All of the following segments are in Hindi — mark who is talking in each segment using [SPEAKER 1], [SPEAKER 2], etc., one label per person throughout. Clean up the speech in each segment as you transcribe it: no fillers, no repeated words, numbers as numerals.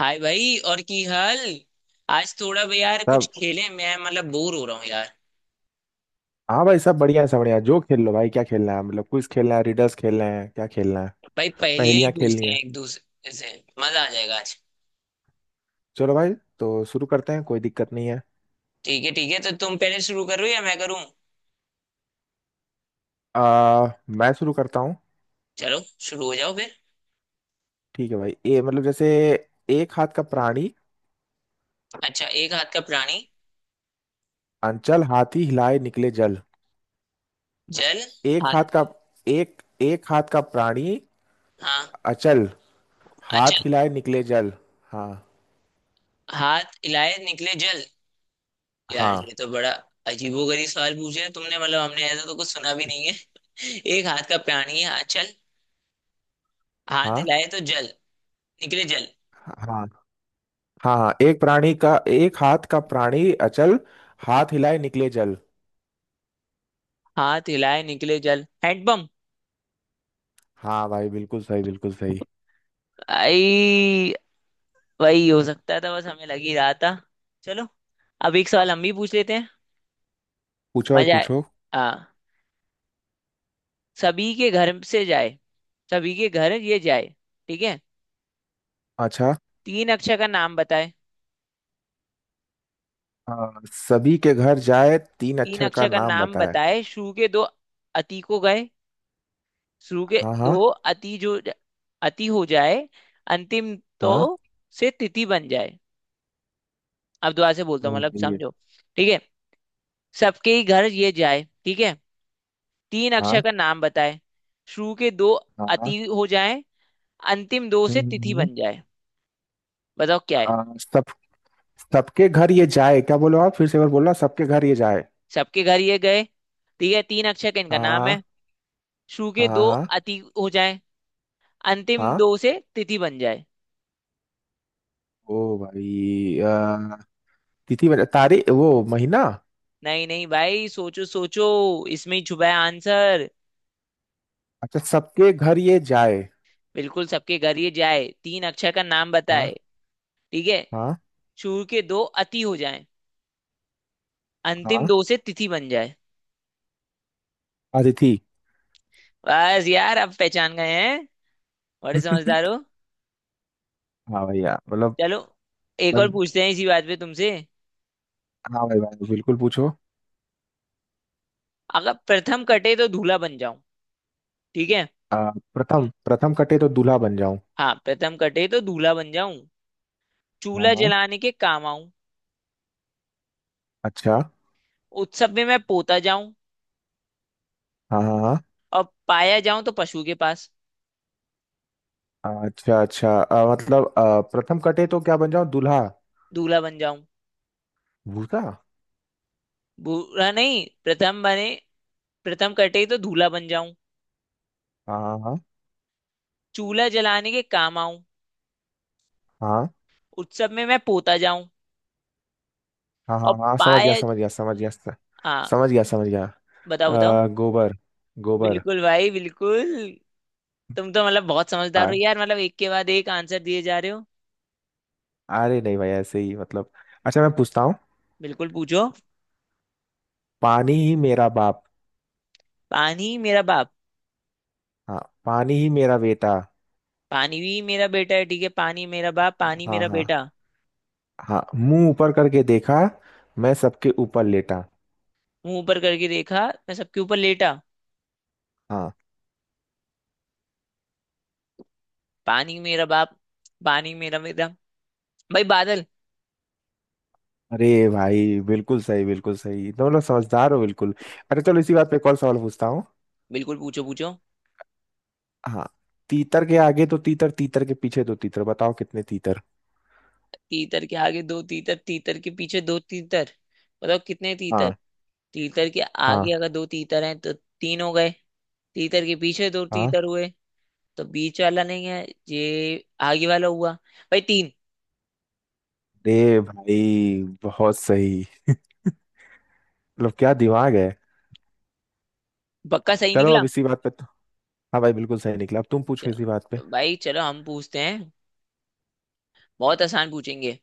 [SPEAKER 1] हाय भाई, और की हाल। आज थोड़ा भाई यार कुछ
[SPEAKER 2] सब
[SPEAKER 1] खेलें, मैं मतलब बोर हो रहा हूँ यार।
[SPEAKER 2] हाँ भाई, सब बढ़िया है, सब बढ़िया है। जो खेल लो भाई, क्या खेलना है? मतलब क्विज खेलना है, रिडल्स खेलना है, क्या खेलना है?
[SPEAKER 1] भाई पहेलियां ही
[SPEAKER 2] पहेलियाँ खेलनी
[SPEAKER 1] पूछते हैं
[SPEAKER 2] है।
[SPEAKER 1] एक दूसरे से। मजा आ जाएगा आज।
[SPEAKER 2] चलो भाई, तो शुरू करते हैं, कोई दिक्कत नहीं है।
[SPEAKER 1] ठीक है ठीक है, तो तुम पहले शुरू करो या मैं करूँ?
[SPEAKER 2] मैं शुरू करता हूँ।
[SPEAKER 1] चलो, शुरू हो जाओ फिर।
[SPEAKER 2] ठीक है भाई। ए मतलब जैसे, एक हाथ का प्राणी
[SPEAKER 1] अच्छा, एक हाथ का प्राणी।
[SPEAKER 2] अंचल, हाथी हिलाए निकले जल।
[SPEAKER 1] जल।
[SPEAKER 2] एक हाथ
[SPEAKER 1] हाथ।
[SPEAKER 2] का एक एक हाथ का प्राणी
[SPEAKER 1] हाँ।
[SPEAKER 2] अचल,
[SPEAKER 1] अच्छा।
[SPEAKER 2] हाथ हिलाए निकले जल। हाँ
[SPEAKER 1] हाथ हिलाए निकले जल। यार, ये
[SPEAKER 2] हाँ।
[SPEAKER 1] तो बड़ा अजीबोगरीब सवाल पूछे है तुमने, मतलब हमने ऐसा तो कुछ सुना भी नहीं है। एक हाथ का प्राणी है, हाँ, चल। हाथ
[SPEAKER 2] हाँ
[SPEAKER 1] हिलाए तो जल। निकले जल।
[SPEAKER 2] हाँ हाँ हाँ। एक हाथ का प्राणी अचल, हाथ हिलाए निकले जल।
[SPEAKER 1] हाथ हिलाए निकले जल हैंडपंप।
[SPEAKER 2] हाँ भाई, बिल्कुल सही, बिल्कुल सही।
[SPEAKER 1] आई, वही हो सकता था, बस हमें लग ही रहा था। चलो, अब एक सवाल हम भी पूछ लेते हैं।
[SPEAKER 2] पूछो भाई
[SPEAKER 1] मजा आए।
[SPEAKER 2] पूछो।
[SPEAKER 1] हाँ। सभी के घर से जाए। सभी के घर ये जाए। ठीक है।
[SPEAKER 2] अच्छा।
[SPEAKER 1] तीन अक्षर का नाम बताए।
[SPEAKER 2] सभी के घर जाए, तीन
[SPEAKER 1] तीन
[SPEAKER 2] अक्षर का
[SPEAKER 1] अक्षर का
[SPEAKER 2] नाम
[SPEAKER 1] नाम
[SPEAKER 2] बताए।
[SPEAKER 1] बताए, शुरू के दो अति को गए। शुरू के
[SPEAKER 2] हाँ
[SPEAKER 1] दो
[SPEAKER 2] हाँ
[SPEAKER 1] अति जो अति हो जाए, अंतिम तो
[SPEAKER 2] हाँ।
[SPEAKER 1] से तिथि बन जाए। अब दोबारा से बोलता हूँ,
[SPEAKER 2] ओ
[SPEAKER 1] मतलब
[SPEAKER 2] भाई ये।
[SPEAKER 1] समझो। ठीक है। सबके ही घर ये जाए, ठीक है। तीन
[SPEAKER 2] हाँ
[SPEAKER 1] अक्षर का नाम बताए। शुरू के दो
[SPEAKER 2] हाँ हाँ।
[SPEAKER 1] अति हो जाएं, अंतिम दो
[SPEAKER 2] हम्म
[SPEAKER 1] से तिथि
[SPEAKER 2] हम्म, हम्म।
[SPEAKER 1] बन जाए। बताओ क्या है।
[SPEAKER 2] सब सबके घर ये जाए, क्या बोलो? आप फिर से एक बार बोलना, सबके घर ये जाए।
[SPEAKER 1] सबके घर ये गए, ठीक है। तीन अक्षर का इनका नाम है।
[SPEAKER 2] हाँ
[SPEAKER 1] शुरू
[SPEAKER 2] हाँ
[SPEAKER 1] के
[SPEAKER 2] हाँ
[SPEAKER 1] दो
[SPEAKER 2] हाँ।
[SPEAKER 1] अति हो जाएं, अंतिम
[SPEAKER 2] हाँ।
[SPEAKER 1] दो से तिथि बन जाए।
[SPEAKER 2] ओ भाई, तारीख वो महीना।
[SPEAKER 1] नहीं नहीं भाई, सोचो सोचो। इसमें ही छुपा है आंसर।
[SPEAKER 2] अच्छा, सबके घर ये जाए।
[SPEAKER 1] बिल्कुल, सबके घर ये जाए, तीन अक्षर का नाम बताए।
[SPEAKER 2] हाँ
[SPEAKER 1] ठीक है।
[SPEAKER 2] हाँ
[SPEAKER 1] शुरू के दो अति हो जाएं, अंतिम
[SPEAKER 2] हाँ।
[SPEAKER 1] दो से तिथि बन जाए।
[SPEAKER 2] अतिथि।
[SPEAKER 1] बस यार, अब पहचान गए हैं। बड़े समझदार हो।
[SPEAKER 2] हाँ भैया, मतलब।
[SPEAKER 1] चलो, एक और
[SPEAKER 2] बन-
[SPEAKER 1] पूछते हैं इसी बात पे तुमसे।
[SPEAKER 2] हाँ भाई भाई, बिल्कुल पूछो।
[SPEAKER 1] अगर प्रथम कटे तो दूल्हा बन जाऊं, ठीक है।
[SPEAKER 2] प्रथम प्रथम कटे तो दूल्हा बन जाऊं।
[SPEAKER 1] हाँ, प्रथम कटे तो दूल्हा बन जाऊं,
[SPEAKER 2] हाँ
[SPEAKER 1] चूल्हा
[SPEAKER 2] हाँ।
[SPEAKER 1] जलाने के काम आऊं,
[SPEAKER 2] अच्छा।
[SPEAKER 1] उत्सव में मैं पोता जाऊं,
[SPEAKER 2] हाँ हाँ हाँ।
[SPEAKER 1] और पाया जाऊं तो पशु के पास।
[SPEAKER 2] अच्छा अच्छा, मतलब प्रथम कटे तो क्या बन जाऊं? दूल्हा?
[SPEAKER 1] दूल्हा बन जाऊं।
[SPEAKER 2] भूसा।
[SPEAKER 1] बुरा नहीं प्रथम बने। प्रथम कटे तो दूल्हा बन जाऊं।
[SPEAKER 2] हाँ हाँ
[SPEAKER 1] चूल्हा जलाने के काम आऊं।
[SPEAKER 2] हाँ
[SPEAKER 1] उत्सव में मैं पोता जाऊं।
[SPEAKER 2] हाँ
[SPEAKER 1] और
[SPEAKER 2] हाँ हाँ हाँ, समझ गया
[SPEAKER 1] पाया।
[SPEAKER 2] समझ गया समझ गया
[SPEAKER 1] हाँ,
[SPEAKER 2] समझ गया समझ गया।
[SPEAKER 1] बताओ बताओ।
[SPEAKER 2] गोबर। गोबर।
[SPEAKER 1] बिल्कुल भाई बिल्कुल। तुम तो मतलब बहुत समझदार हो
[SPEAKER 2] आ,
[SPEAKER 1] यार, मतलब एक के बाद एक आंसर दिए जा रहे हो।
[SPEAKER 2] अरे नहीं भाई, ऐसे ही मतलब। अच्छा, मैं पूछता हूँ।
[SPEAKER 1] बिल्कुल पूछो।
[SPEAKER 2] पानी ही मेरा बाप।
[SPEAKER 1] पानी मेरा बाप।
[SPEAKER 2] हाँ, पानी ही मेरा बेटा।
[SPEAKER 1] पानी भी मेरा बेटा है, ठीक है। पानी मेरा बाप, पानी
[SPEAKER 2] हाँ
[SPEAKER 1] मेरा
[SPEAKER 2] हाँ
[SPEAKER 1] बेटा।
[SPEAKER 2] हाँ। मुंह ऊपर करके देखा, मैं सबके ऊपर लेटा।
[SPEAKER 1] मुंह ऊपर करके देखा, मैं सबके ऊपर लेटा।
[SPEAKER 2] हाँ।
[SPEAKER 1] पानी मेरा बाप, पानी मेरा बेटा। भाई बादल।
[SPEAKER 2] अरे भाई, बिल्कुल सही, बिल्कुल सही, तुम लोग समझदार हो बिल्कुल। अरे चलो, इसी बात पे एक और सवाल पूछता हूँ।
[SPEAKER 1] बिल्कुल पूछो पूछो।
[SPEAKER 2] हाँ। तीतर के आगे तो तीतर, तीतर के पीछे तो तीतर, बताओ कितने तीतर?
[SPEAKER 1] तीतर के आगे दो तीतर, तीतर के पीछे दो तीतर, बताओ कितने तीतर।
[SPEAKER 2] हाँ
[SPEAKER 1] तीतर के आगे
[SPEAKER 2] हाँ
[SPEAKER 1] अगर दो तीतर हैं तो तीन हो गए। तीतर के पीछे दो
[SPEAKER 2] हाँ।
[SPEAKER 1] तीतर हुए, तो बीच वाला नहीं है, ये आगे वाला हुआ। भाई, तीन।
[SPEAKER 2] अरे भाई बहुत सही, मतलब क्या दिमाग है।
[SPEAKER 1] पक्का सही
[SPEAKER 2] चलो,
[SPEAKER 1] निकला।
[SPEAKER 2] अब इसी बात पे तो। हाँ भाई, बिल्कुल सही निकला, अब तुम पूछो इसी बात पे।
[SPEAKER 1] चलो भाई, चलो हम पूछते हैं। बहुत आसान पूछेंगे।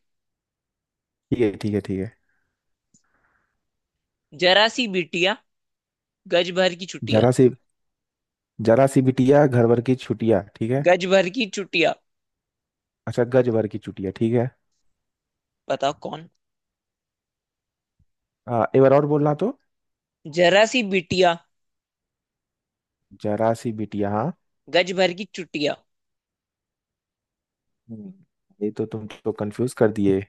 [SPEAKER 2] ठीक है ठीक है ठीक है।
[SPEAKER 1] जरा सी बिटिया, गज भर की छुट्टियां।
[SPEAKER 2] जरा सी जरा सी बिटिया, घर भर की छुटिया, ठीक है।
[SPEAKER 1] गज भर की छुट्टियां।
[SPEAKER 2] अच्छा, गज भर की छुटिया, ठीक है।
[SPEAKER 1] बताओ कौन।
[SPEAKER 2] एक बार और बोलना तो।
[SPEAKER 1] जरा सी बिटिया,
[SPEAKER 2] जरा सी बिटिया, हाँ।
[SPEAKER 1] गज भर की छुट्टियां।
[SPEAKER 2] हम्म, ये तो तुम तो कंफ्यूज कर दिए।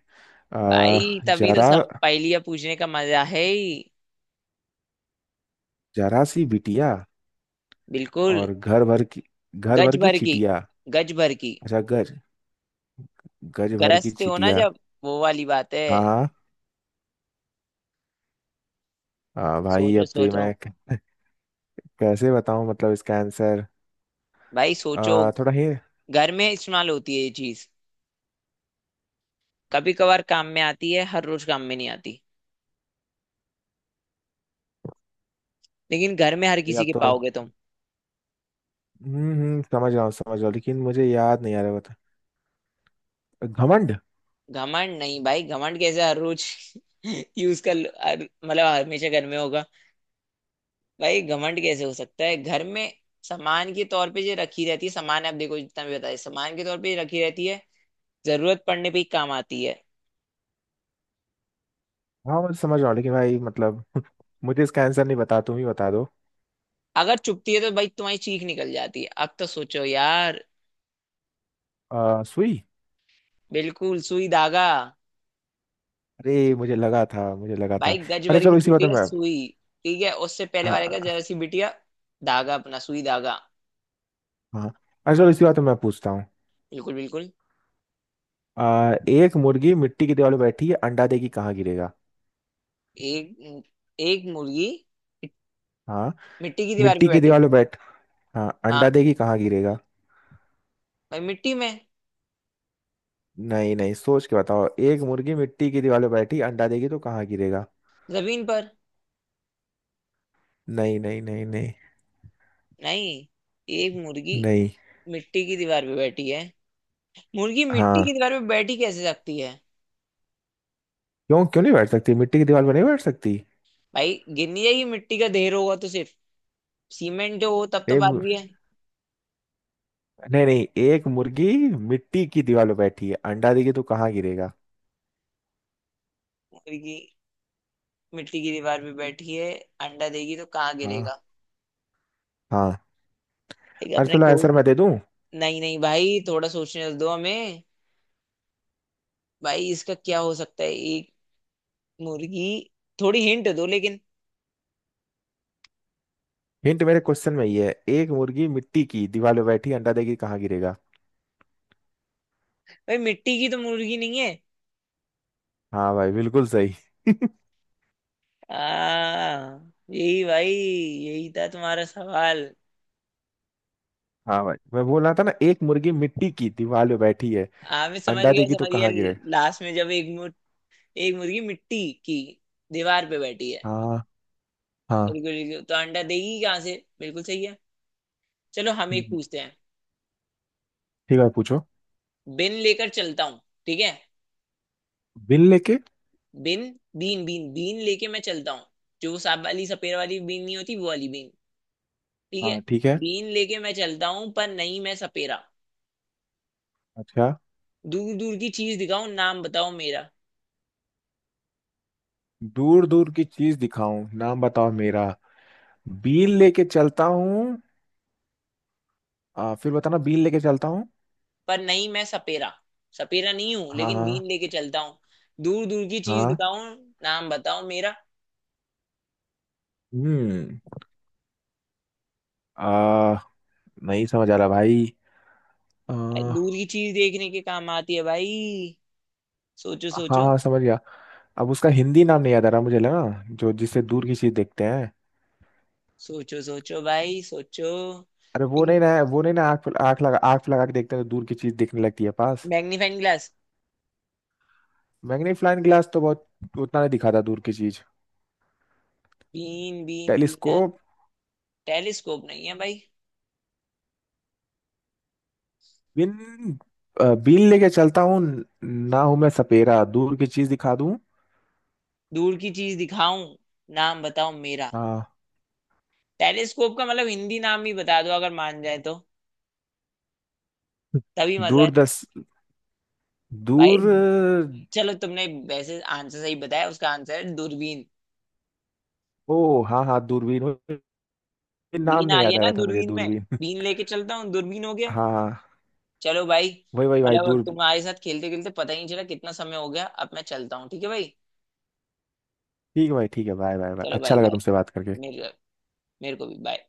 [SPEAKER 2] आ,
[SPEAKER 1] भाई, तभी तो
[SPEAKER 2] जरा
[SPEAKER 1] सब पहेलियां पूछने का मजा है ही।
[SPEAKER 2] जरा सी बिटिया
[SPEAKER 1] बिल्कुल।
[SPEAKER 2] और घर भर की,
[SPEAKER 1] गज भर की,
[SPEAKER 2] चिटिया।
[SPEAKER 1] गज भर की।
[SPEAKER 2] अच्छा गज गज भर की
[SPEAKER 1] गरजते हो ना,
[SPEAKER 2] चिटिया।
[SPEAKER 1] जब वो वाली बात है।
[SPEAKER 2] हाँ। भाई
[SPEAKER 1] सोचो
[SPEAKER 2] अब तो ये
[SPEAKER 1] सोचो
[SPEAKER 2] मैं कैसे बताऊं मतलब इसका आंसर।
[SPEAKER 1] भाई सोचो।
[SPEAKER 2] थोड़ा ही।
[SPEAKER 1] घर में इस्तेमाल होती है ये चीज। कभी कभार काम में आती है, हर रोज काम में नहीं आती। लेकिन घर में हर
[SPEAKER 2] या
[SPEAKER 1] किसी के
[SPEAKER 2] तो।
[SPEAKER 1] पाओगे तुम।
[SPEAKER 2] समझ रहा हूँ समझ रहा हूँ, लेकिन मुझे याद नहीं आ रहा, बता। घमंड।
[SPEAKER 1] घमंड नहीं भाई, घमंड कैसे हर रोज। हर मतलब हमेशा घर में होगा। भाई, घमंड कैसे हो सकता है घर में। सामान के तौर पे जो रखी रहती है। सामान आप देखो, जितना भी बताया, सामान के तौर पे ये रखी रहती है। जरूरत पड़ने पे ही काम आती है।
[SPEAKER 2] हाँ, मैं समझ रहा हूँ लेकिन भाई मतलब मुझे इसका आंसर नहीं, बता तुम ही बता दो।
[SPEAKER 1] अगर चुपती है तो भाई तुम्हारी चीख निकल जाती है। अब तो सोचो यार।
[SPEAKER 2] सुई।
[SPEAKER 1] बिल्कुल, सुई धागा।
[SPEAKER 2] अरे मुझे लगा था, मुझे लगा था।
[SPEAKER 1] भाई, गज
[SPEAKER 2] अरे
[SPEAKER 1] भर की
[SPEAKER 2] चलो, इसी बात में
[SPEAKER 1] बिटिया
[SPEAKER 2] मैं।
[SPEAKER 1] सुई। ठीक है, उससे पहले वाले का जरा
[SPEAKER 2] हाँ
[SPEAKER 1] सी बिटिया। धागा, अपना सुई धागा।
[SPEAKER 2] हाँ। अरे चलो, इसी बात में मैं पूछता हूँ।
[SPEAKER 1] बिल्कुल बिल्कुल।
[SPEAKER 2] एक मुर्गी मिट्टी की दीवार पे बैठी है, अंडा देगी कहाँ गिरेगा?
[SPEAKER 1] एक एक मुर्गी
[SPEAKER 2] हाँ,
[SPEAKER 1] मिट्टी की दीवार पे
[SPEAKER 2] मिट्टी की
[SPEAKER 1] बैठी।
[SPEAKER 2] दीवार पे बैठ। हाँ,
[SPEAKER 1] हाँ।
[SPEAKER 2] अंडा देगी कहाँ गिरेगा?
[SPEAKER 1] भाई मिट्टी में।
[SPEAKER 2] नहीं नहीं, सोच के बताओ, एक मुर्गी मिट्टी की दीवार पे बैठी, अंडा देगी तो कहाँ गिरेगा?
[SPEAKER 1] जमीन पर।
[SPEAKER 2] नहीं नहीं नहीं नहीं।
[SPEAKER 1] नहीं। एक मुर्गी
[SPEAKER 2] नहीं।
[SPEAKER 1] मिट्टी की दीवार पे बैठी है। मुर्गी मिट्टी
[SPEAKER 2] हाँ।
[SPEAKER 1] की दीवार पे बैठी कैसे सकती है।
[SPEAKER 2] क्यों, क्यों नहीं बैठ सकती? मिट्टी की दीवार पर नहीं बैठ सकती?
[SPEAKER 1] भाई, गिनी जाएगी, मिट्टी का ढेर होगा तो सिर्फ। सीमेंट हो तब तो
[SPEAKER 2] ए,
[SPEAKER 1] बात
[SPEAKER 2] मु-
[SPEAKER 1] भी है।
[SPEAKER 2] नहीं नहीं, एक मुर्गी मिट्टी की दीवार पे बैठी है, अंडा देगी तो कहाँ गिरेगा?
[SPEAKER 1] मुर्गी मिट्टी की दीवार पे बैठी है, अंडा देगी तो कहाँ
[SPEAKER 2] हाँ
[SPEAKER 1] गिरेगा।
[SPEAKER 2] हाँ।
[SPEAKER 1] एक
[SPEAKER 2] अरे
[SPEAKER 1] अपने
[SPEAKER 2] चलो,
[SPEAKER 1] गोल।
[SPEAKER 2] आंसर मैं दे दूं।
[SPEAKER 1] नहीं नहीं भाई, थोड़ा सोचने दो हमें। भाई, इसका क्या हो सकता है? एक मुर्गी। थोड़ी हिंट दो लेकिन।
[SPEAKER 2] हिंट मेरे क्वेश्चन में ही है, एक मुर्गी मिट्टी की दीवार पे बैठी, अंडा देगी कहाँ गिरेगा?
[SPEAKER 1] भाई, मिट्टी की तो मुर्गी नहीं है।
[SPEAKER 2] हाँ भाई, बिल्कुल सही।
[SPEAKER 1] हाँ यही भाई, यही था तुम्हारा सवाल।
[SPEAKER 2] हाँ भाई, मैं बोल रहा था ना, एक मुर्गी मिट्टी की दीवार पे बैठी है,
[SPEAKER 1] हाँ, मैं समझ
[SPEAKER 2] अंडा
[SPEAKER 1] गया
[SPEAKER 2] देगी तो
[SPEAKER 1] समझ गया।
[SPEAKER 2] कहाँ गिरे?
[SPEAKER 1] लास्ट में जब एक मुर्गी मिट्टी की दीवार पे बैठी है।
[SPEAKER 2] हाँ हाँ।
[SPEAKER 1] बिल्कुल बिल्कुल, तो अंडा देगी कहाँ से। बिल्कुल सही है। चलो हम एक
[SPEAKER 2] हम्म,
[SPEAKER 1] पूछते हैं।
[SPEAKER 2] ठीक है पूछो।
[SPEAKER 1] बिन लेकर चलता हूँ, ठीक है।
[SPEAKER 2] बिल लेके।
[SPEAKER 1] बिन। बीन बीन बीन लेके मैं चलता हूँ। जो वो सांप वाली सपेरा वाली बीन नहीं होती, वो वाली बीन, ठीक
[SPEAKER 2] हाँ,
[SPEAKER 1] है।
[SPEAKER 2] ठीक है।
[SPEAKER 1] बीन लेके मैं चलता हूँ, पर नहीं मैं सपेरा,
[SPEAKER 2] अच्छा।
[SPEAKER 1] दूर दूर की चीज दिखाऊं, नाम बताओ मेरा।
[SPEAKER 2] दूर दूर की चीज दिखाऊं, नाम बताओ मेरा? बिल लेके चलता हूँ। फिर बताना, बिल लेके चलता हूँ।
[SPEAKER 1] पर नहीं मैं सपेरा, सपेरा नहीं हूँ
[SPEAKER 2] हाँ
[SPEAKER 1] लेकिन
[SPEAKER 2] हाँ
[SPEAKER 1] बीन लेके चलता हूँ। दूर दूर की चीज
[SPEAKER 2] हाँ।
[SPEAKER 1] दिखाऊं, नाम बताओ मेरा।
[SPEAKER 2] हम्म। आ। नहीं समझ आ रहा भाई।
[SPEAKER 1] दूर
[SPEAKER 2] हाँ।
[SPEAKER 1] की चीज देखने के काम आती है भाई। सोचो सोचो।
[SPEAKER 2] हाँ, समझ गया। अब उसका हिंदी नाम नहीं याद आ रहा, मुझे लगा जो जिससे दूर की चीज देखते हैं।
[SPEAKER 1] सोचो सोचो भाई सोचो।
[SPEAKER 2] अरे वो नहीं ना, वो नहीं ना, आँख आँख लगा, आँख लगा के देखते हैं तो दूर की चीज दिखने लगती है पास।
[SPEAKER 1] Magnifying glass.
[SPEAKER 2] मैग्नीफाइंग ग्लास तो बहुत उतना नहीं दिखाता दूर की चीज।
[SPEAKER 1] बीन बीन बीन।
[SPEAKER 2] टेलीस्कोप।
[SPEAKER 1] टेलीस्कोप नहीं है भाई।
[SPEAKER 2] बिन। बीन लेके चलता हूँ, ना हूं मैं सपेरा, दूर की चीज दिखा दूं।
[SPEAKER 1] दूर की चीज दिखाऊं, नाम बताओ मेरा।
[SPEAKER 2] हाँ।
[SPEAKER 1] टेलीस्कोप का मतलब हिंदी नाम ही बता दो, अगर मान जाए तो। तभी मजा
[SPEAKER 2] दूर
[SPEAKER 1] है।
[SPEAKER 2] दस
[SPEAKER 1] भाई
[SPEAKER 2] दूर।
[SPEAKER 1] चलो, तुमने वैसे आंसर सही बताया। उसका आंसर है दूरबीन।
[SPEAKER 2] ओ हाँ हाँ, दूरबीन नाम
[SPEAKER 1] बीन
[SPEAKER 2] नहीं
[SPEAKER 1] आ
[SPEAKER 2] याद
[SPEAKER 1] गया
[SPEAKER 2] आ
[SPEAKER 1] ना
[SPEAKER 2] रहा था मुझे,
[SPEAKER 1] दूरबीन में।
[SPEAKER 2] दूरबीन।
[SPEAKER 1] बीन लेके चलता हूँ, दूरबीन हो गया।
[SPEAKER 2] हाँ हाँ,
[SPEAKER 1] चलो भाई।
[SPEAKER 2] वही वही भाई
[SPEAKER 1] मतलब अब
[SPEAKER 2] दूर।
[SPEAKER 1] तुम्हारे साथ खेलते खेलते पता ही नहीं चला कितना समय हो गया। अब मैं चलता हूँ, ठीक है भाई।
[SPEAKER 2] ठीक है भाई, ठीक है, बाय बाय बाय,
[SPEAKER 1] चलो
[SPEAKER 2] अच्छा
[SPEAKER 1] भाई
[SPEAKER 2] लगा
[SPEAKER 1] बाय।
[SPEAKER 2] तुमसे बात करके।
[SPEAKER 1] मेरे मेरे को भी बाय।